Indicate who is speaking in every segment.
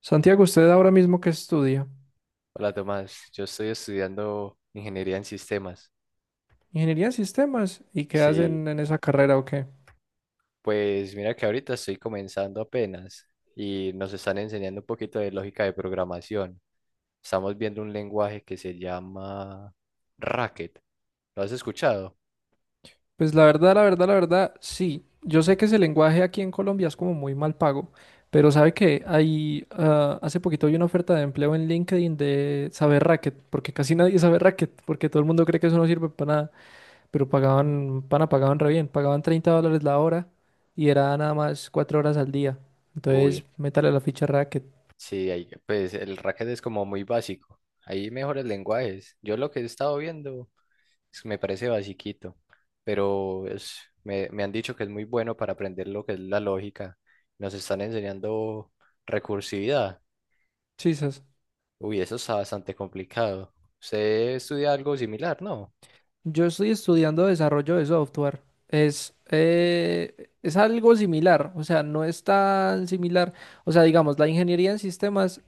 Speaker 1: Santiago, ¿usted ahora mismo qué estudia?
Speaker 2: Hola Tomás, yo estoy estudiando ingeniería en sistemas.
Speaker 1: Ingeniería en sistemas. ¿Y qué
Speaker 2: Sí,
Speaker 1: hacen en esa carrera o qué?
Speaker 2: pues mira que ahorita estoy comenzando apenas y nos están enseñando un poquito de lógica de programación. Estamos viendo un lenguaje que se llama Racket. ¿Lo has escuchado?
Speaker 1: Pues la verdad, la verdad, la verdad, sí. Yo sé que ese lenguaje aquí en Colombia es como muy mal pago, pero sabe que hace poquito vi una oferta de empleo en LinkedIn de saber racket, porque casi nadie sabe racket, porque todo el mundo cree que eso no sirve para nada, pero pagaban, pana, pagaban re bien, pagaban $30 la hora y era nada más 4 horas al día. Entonces,
Speaker 2: Uy,
Speaker 1: métale la ficha racket.
Speaker 2: sí, pues el Racket es como muy básico. Hay mejores lenguajes. Yo lo que he estado viendo me parece basiquito, pero es, me han dicho que es muy bueno para aprender lo que es la lógica. Nos están enseñando recursividad.
Speaker 1: Sí,
Speaker 2: Uy, eso está bastante complicado. Usted estudia algo similar, ¿no?
Speaker 1: yo estoy estudiando desarrollo de software. Es algo similar, o sea, no es tan similar. O sea, digamos, la ingeniería en sistemas,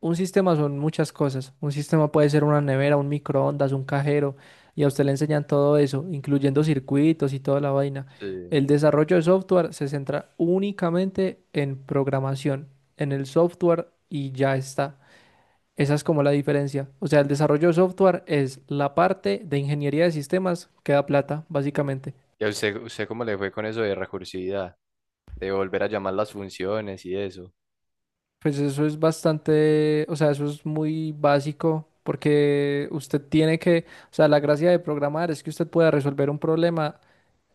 Speaker 1: un sistema son muchas cosas. Un sistema puede ser una nevera, un microondas, un cajero, y a usted le enseñan todo eso, incluyendo circuitos y toda la vaina.
Speaker 2: Sí.
Speaker 1: El desarrollo de software se centra únicamente en programación, en el software y ya está. Esa es como la diferencia. O sea, el desarrollo de software es la parte de ingeniería de sistemas que da plata, básicamente.
Speaker 2: ¿Y a usted, cómo le fue con eso de recursividad? De volver a llamar las funciones y eso.
Speaker 1: Pues eso es bastante, o sea, eso es muy básico porque usted tiene que, o sea, la gracia de programar es que usted pueda resolver un problema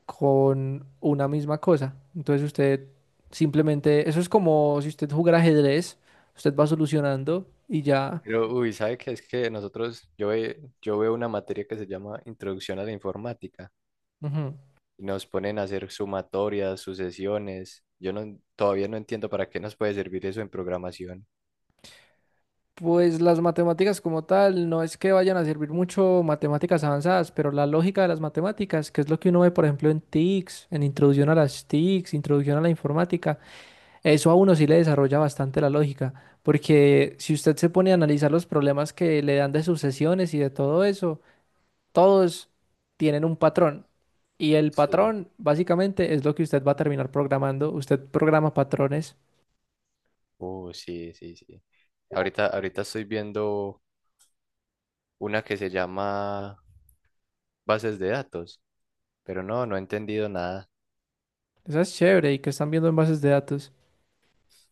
Speaker 1: con una misma cosa. Entonces usted simplemente, eso es como si usted jugara ajedrez, usted va solucionando y ya.
Speaker 2: Pero, uy, ¿sabe qué? Es que nosotros, yo, yo veo una materia que se llama Introducción a la Informática,
Speaker 1: Ujú.
Speaker 2: y nos ponen a hacer sumatorias, sucesiones. Yo no, todavía no entiendo para qué nos puede servir eso en programación.
Speaker 1: Pues las matemáticas como tal, no es que vayan a servir mucho matemáticas avanzadas, pero la lógica de las matemáticas, que es lo que uno ve, por ejemplo, en TICs, en introducción a las TICs, introducción a la informática, eso a uno sí le desarrolla bastante la lógica, porque si usted se pone a analizar los problemas que le dan de sucesiones y de todo eso, todos tienen un patrón, y el
Speaker 2: Sí.
Speaker 1: patrón básicamente es lo que usted va a terminar programando, usted programa patrones,
Speaker 2: Sí, sí, sí. Ahorita estoy viendo una que se llama bases de datos, pero no, no he entendido nada.
Speaker 1: eso es chévere, y que están viendo en bases de datos.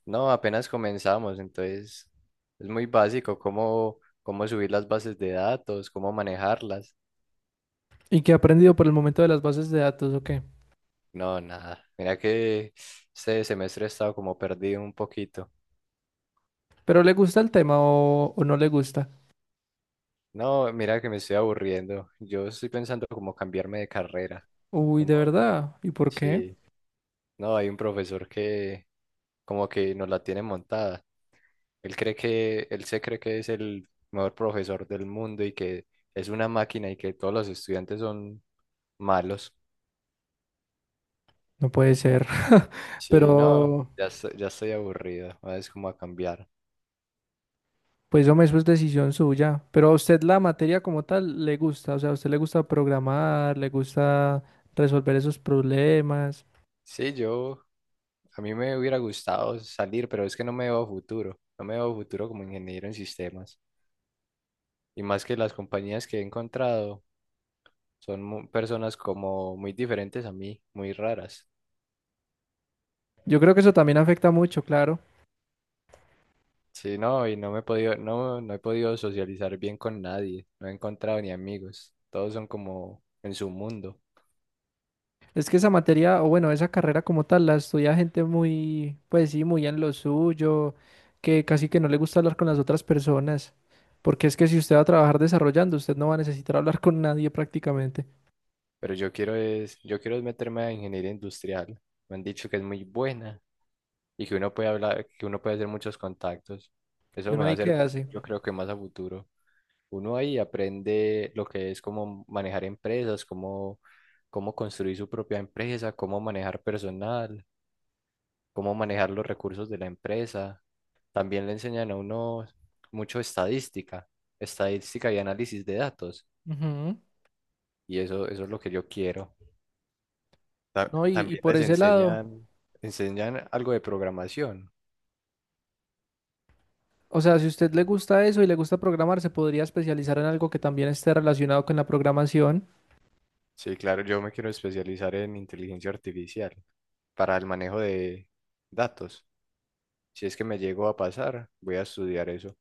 Speaker 2: No, apenas comenzamos, entonces es muy básico cómo, cómo subir las bases de datos, cómo manejarlas.
Speaker 1: Y qué ha aprendido por el momento de las bases de datos, ¿o qué?
Speaker 2: No, nada. Mira que este semestre he estado como perdido un poquito.
Speaker 1: ¿Pero le gusta el tema o no le gusta?
Speaker 2: No, mira que me estoy aburriendo. Yo estoy pensando como cambiarme de carrera.
Speaker 1: Uy,
Speaker 2: Como,
Speaker 1: de verdad. ¿Y por qué?
Speaker 2: sí, no, hay un profesor que como que nos la tiene montada. Él se cree que es el mejor profesor del mundo y que es una máquina y que todos los estudiantes son malos.
Speaker 1: No puede ser.
Speaker 2: Sí, no,
Speaker 1: Pero,
Speaker 2: ya estoy aburrido, ¿no? Es como a cambiar.
Speaker 1: pues hombre, eso es decisión suya. Pero a usted la materia como tal le gusta. O sea, a usted le gusta programar, le gusta resolver esos problemas.
Speaker 2: Sí, yo, a mí me hubiera gustado salir, pero es que no me veo futuro. No me veo futuro como ingeniero en sistemas. Y más que las compañías que he encontrado. Personas como muy diferentes a mí, muy raras.
Speaker 1: Yo creo que eso también afecta mucho, claro.
Speaker 2: Sí, no, y no, he podido socializar bien con nadie. No he encontrado ni amigos. Todos son como en su mundo.
Speaker 1: Es que esa materia, o bueno, esa carrera como tal, la estudia gente muy, pues sí, muy en lo suyo, que casi que no le gusta hablar con las otras personas, porque es que si usted va a trabajar desarrollando, usted no va a necesitar hablar con nadie prácticamente.
Speaker 2: Pero yo quiero es meterme a ingeniería industrial. Me han dicho que es muy buena y que uno puede hablar, que uno puede hacer muchos contactos.
Speaker 1: Y
Speaker 2: Eso
Speaker 1: uno
Speaker 2: me va
Speaker 1: ahí
Speaker 2: a
Speaker 1: qué
Speaker 2: servir,
Speaker 1: hace.
Speaker 2: yo creo que más a futuro. Uno ahí aprende lo que es como manejar empresas, cómo, cómo construir su propia empresa, cómo manejar personal, cómo manejar los recursos de la empresa. También le enseñan a uno mucho estadística, estadística y análisis de datos.
Speaker 1: Ujú.
Speaker 2: Y eso es lo que yo quiero.
Speaker 1: No, y
Speaker 2: También
Speaker 1: por
Speaker 2: les
Speaker 1: ese lado,
Speaker 2: enseñan, enseñan algo de programación.
Speaker 1: o sea, si a usted le gusta eso y le gusta programar, se podría especializar en algo que también esté relacionado con la programación.
Speaker 2: Sí, claro, yo me quiero especializar en inteligencia artificial para el manejo de datos. Si es que me llego a pasar, voy a estudiar eso,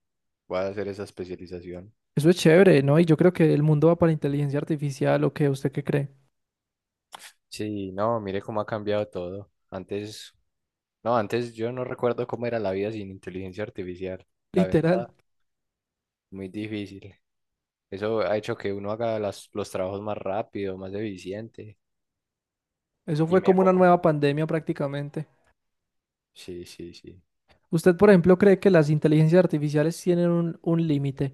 Speaker 2: voy a hacer esa especialización.
Speaker 1: Eso es chévere, ¿no? Y yo creo que el mundo va para inteligencia artificial, o qué usted qué cree.
Speaker 2: Sí, no, mire cómo ha cambiado todo. Antes no, antes yo no recuerdo cómo era la vida sin inteligencia artificial, la
Speaker 1: Literal.
Speaker 2: verdad, muy difícil. Eso ha hecho que uno haga los trabajos más rápido, más eficiente
Speaker 1: Eso
Speaker 2: y
Speaker 1: fue como una
Speaker 2: mejor.
Speaker 1: nueva pandemia prácticamente.
Speaker 2: Sí, sí, sí.
Speaker 1: ¿Usted, por ejemplo, cree que las inteligencias artificiales tienen un límite?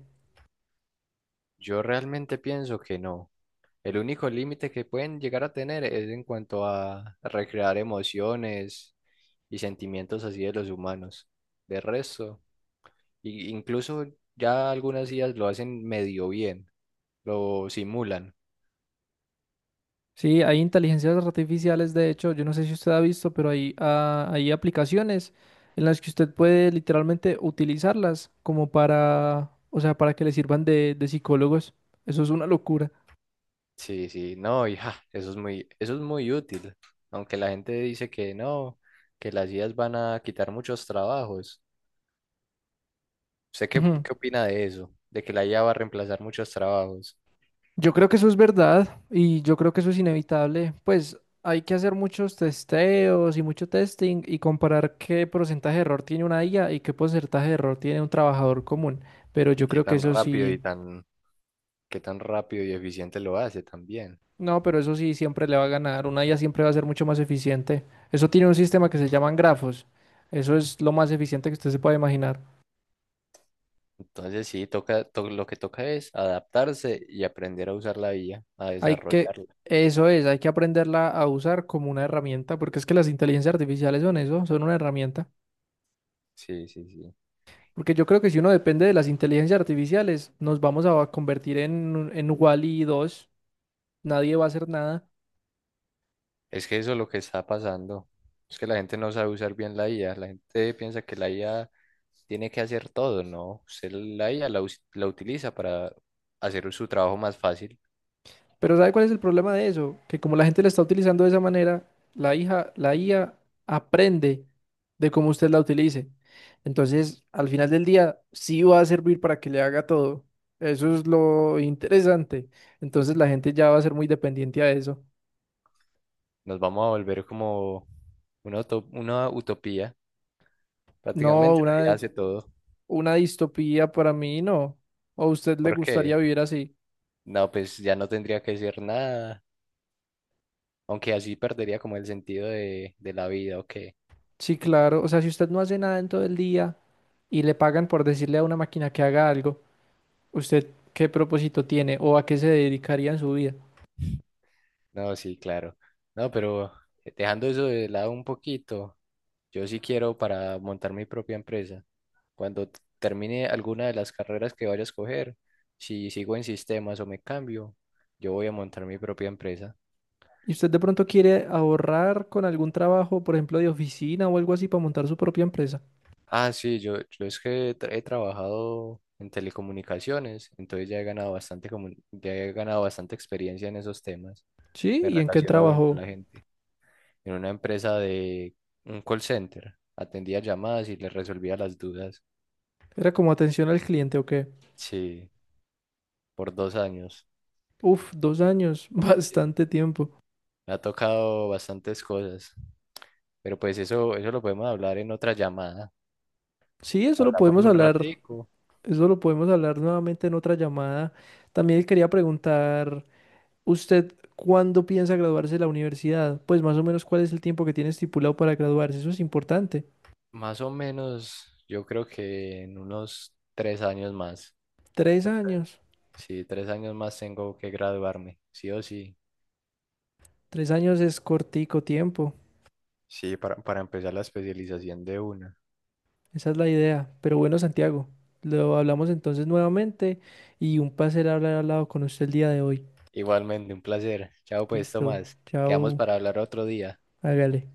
Speaker 2: Yo realmente pienso que no. El único límite que pueden llegar a tener es en cuanto a recrear emociones y sentimientos así de los humanos. De resto, incluso ya algunas ideas lo hacen medio bien, lo simulan.
Speaker 1: Sí, hay inteligencias artificiales, de hecho, yo no sé si usted ha visto, pero hay aplicaciones en las que usted puede literalmente utilizarlas como para, o sea, para que le sirvan de psicólogos. Eso es una locura.
Speaker 2: Sí, sí, no, hija, eso es muy útil. Aunque la gente dice que no, que las IAs van a quitar muchos trabajos. ¿Usted
Speaker 1: Ujú.
Speaker 2: qué opina de eso? De que la IA va a reemplazar muchos trabajos
Speaker 1: Yo creo que eso es verdad y yo creo que eso es inevitable. Pues hay que hacer muchos testeos y mucho testing y comparar qué porcentaje de error tiene una IA y qué porcentaje de error tiene un trabajador común. Pero
Speaker 2: y
Speaker 1: yo creo que eso sí,
Speaker 2: qué tan rápido y eficiente lo hace también.
Speaker 1: no, pero eso sí siempre le va a ganar. Una IA siempre va a ser mucho más eficiente. Eso tiene un sistema que se llaman grafos. Eso es lo más eficiente que usted se pueda imaginar.
Speaker 2: Entonces sí, lo que toca es adaptarse y aprender a usar la IA, a
Speaker 1: Hay que,
Speaker 2: desarrollarla.
Speaker 1: eso es, hay que aprenderla a usar como una herramienta, porque es que las inteligencias artificiales son eso, son una herramienta.
Speaker 2: Sí, sí, sí.
Speaker 1: Porque yo creo que si uno depende de las inteligencias artificiales, nos vamos a convertir en Wall-E 2, nadie va a hacer nada.
Speaker 2: Es que eso es lo que está pasando. Es que la gente no sabe usar bien la IA. La gente piensa que la IA tiene que hacer todo, ¿no? Usted la utiliza para hacer su trabajo más fácil.
Speaker 1: Pero ¿sabe cuál es el problema de eso? Que como la gente la está utilizando de esa manera, la hija, la IA aprende de cómo usted la utilice. Entonces, al final del día, sí va a servir para que le haga todo. Eso es lo interesante. Entonces, la gente ya va a ser muy dependiente a eso.
Speaker 2: Nos vamos a volver como una utopía.
Speaker 1: No,
Speaker 2: Prácticamente la IA
Speaker 1: una,
Speaker 2: hace todo.
Speaker 1: una distopía para mí no. ¿O a usted le
Speaker 2: ¿Por
Speaker 1: gustaría
Speaker 2: qué?
Speaker 1: vivir así?
Speaker 2: No, pues ya no tendría que decir nada. Aunque así perdería como el sentido de la vida, ¿o qué?
Speaker 1: Sí, claro. O sea, si usted no hace nada en todo el día y le pagan por decirle a una máquina que haga algo, ¿usted qué propósito tiene o a qué se dedicaría en su vida?
Speaker 2: No, sí, claro. No, pero dejando eso de lado un poquito. Yo sí quiero para montar mi propia empresa. Cuando termine alguna de las carreras que vaya a escoger, si sigo en sistemas o me cambio, yo voy a montar mi propia empresa.
Speaker 1: ¿Y usted de pronto quiere ahorrar con algún trabajo, por ejemplo, de oficina o algo así para montar su propia empresa?
Speaker 2: Ah, sí, yo, he trabajado en telecomunicaciones, entonces ya he ganado bastante, ya he ganado bastante experiencia en esos temas.
Speaker 1: Sí,
Speaker 2: Me
Speaker 1: ¿y en qué
Speaker 2: relaciono bien con
Speaker 1: trabajó?
Speaker 2: la gente. En una empresa de un call center, atendía llamadas y les resolvía las dudas.
Speaker 1: ¿Era como atención al cliente o qué?
Speaker 2: Sí, por 2 años.
Speaker 1: Uf, 2 años,
Speaker 2: Sí.
Speaker 1: bastante tiempo.
Speaker 2: Me ha tocado bastantes cosas, pero pues eso lo podemos hablar en otra llamada.
Speaker 1: Sí, eso lo
Speaker 2: Hablamos
Speaker 1: podemos
Speaker 2: un
Speaker 1: hablar,
Speaker 2: ratico,
Speaker 1: eso lo podemos hablar nuevamente en otra llamada. También quería preguntar. ¿Usted cuándo piensa graduarse de la universidad? Pues más o menos cuál es el tiempo que tiene estipulado para graduarse. Eso es importante.
Speaker 2: más o menos, yo creo que en unos 3 años más.
Speaker 1: Tres
Speaker 2: Tres-
Speaker 1: años.
Speaker 2: sí, 3 años más tengo que graduarme, sí o sí.
Speaker 1: 3 años es cortico tiempo.
Speaker 2: Sí, para empezar la especialización de una.
Speaker 1: Esa es la idea. Pero bueno, Santiago, lo hablamos entonces nuevamente y un placer hablar al lado con usted el día de hoy.
Speaker 2: Igualmente, un placer. Chao pues,
Speaker 1: Listo.
Speaker 2: Tomás. Quedamos
Speaker 1: Chao.
Speaker 2: para hablar otro día.
Speaker 1: Hágale.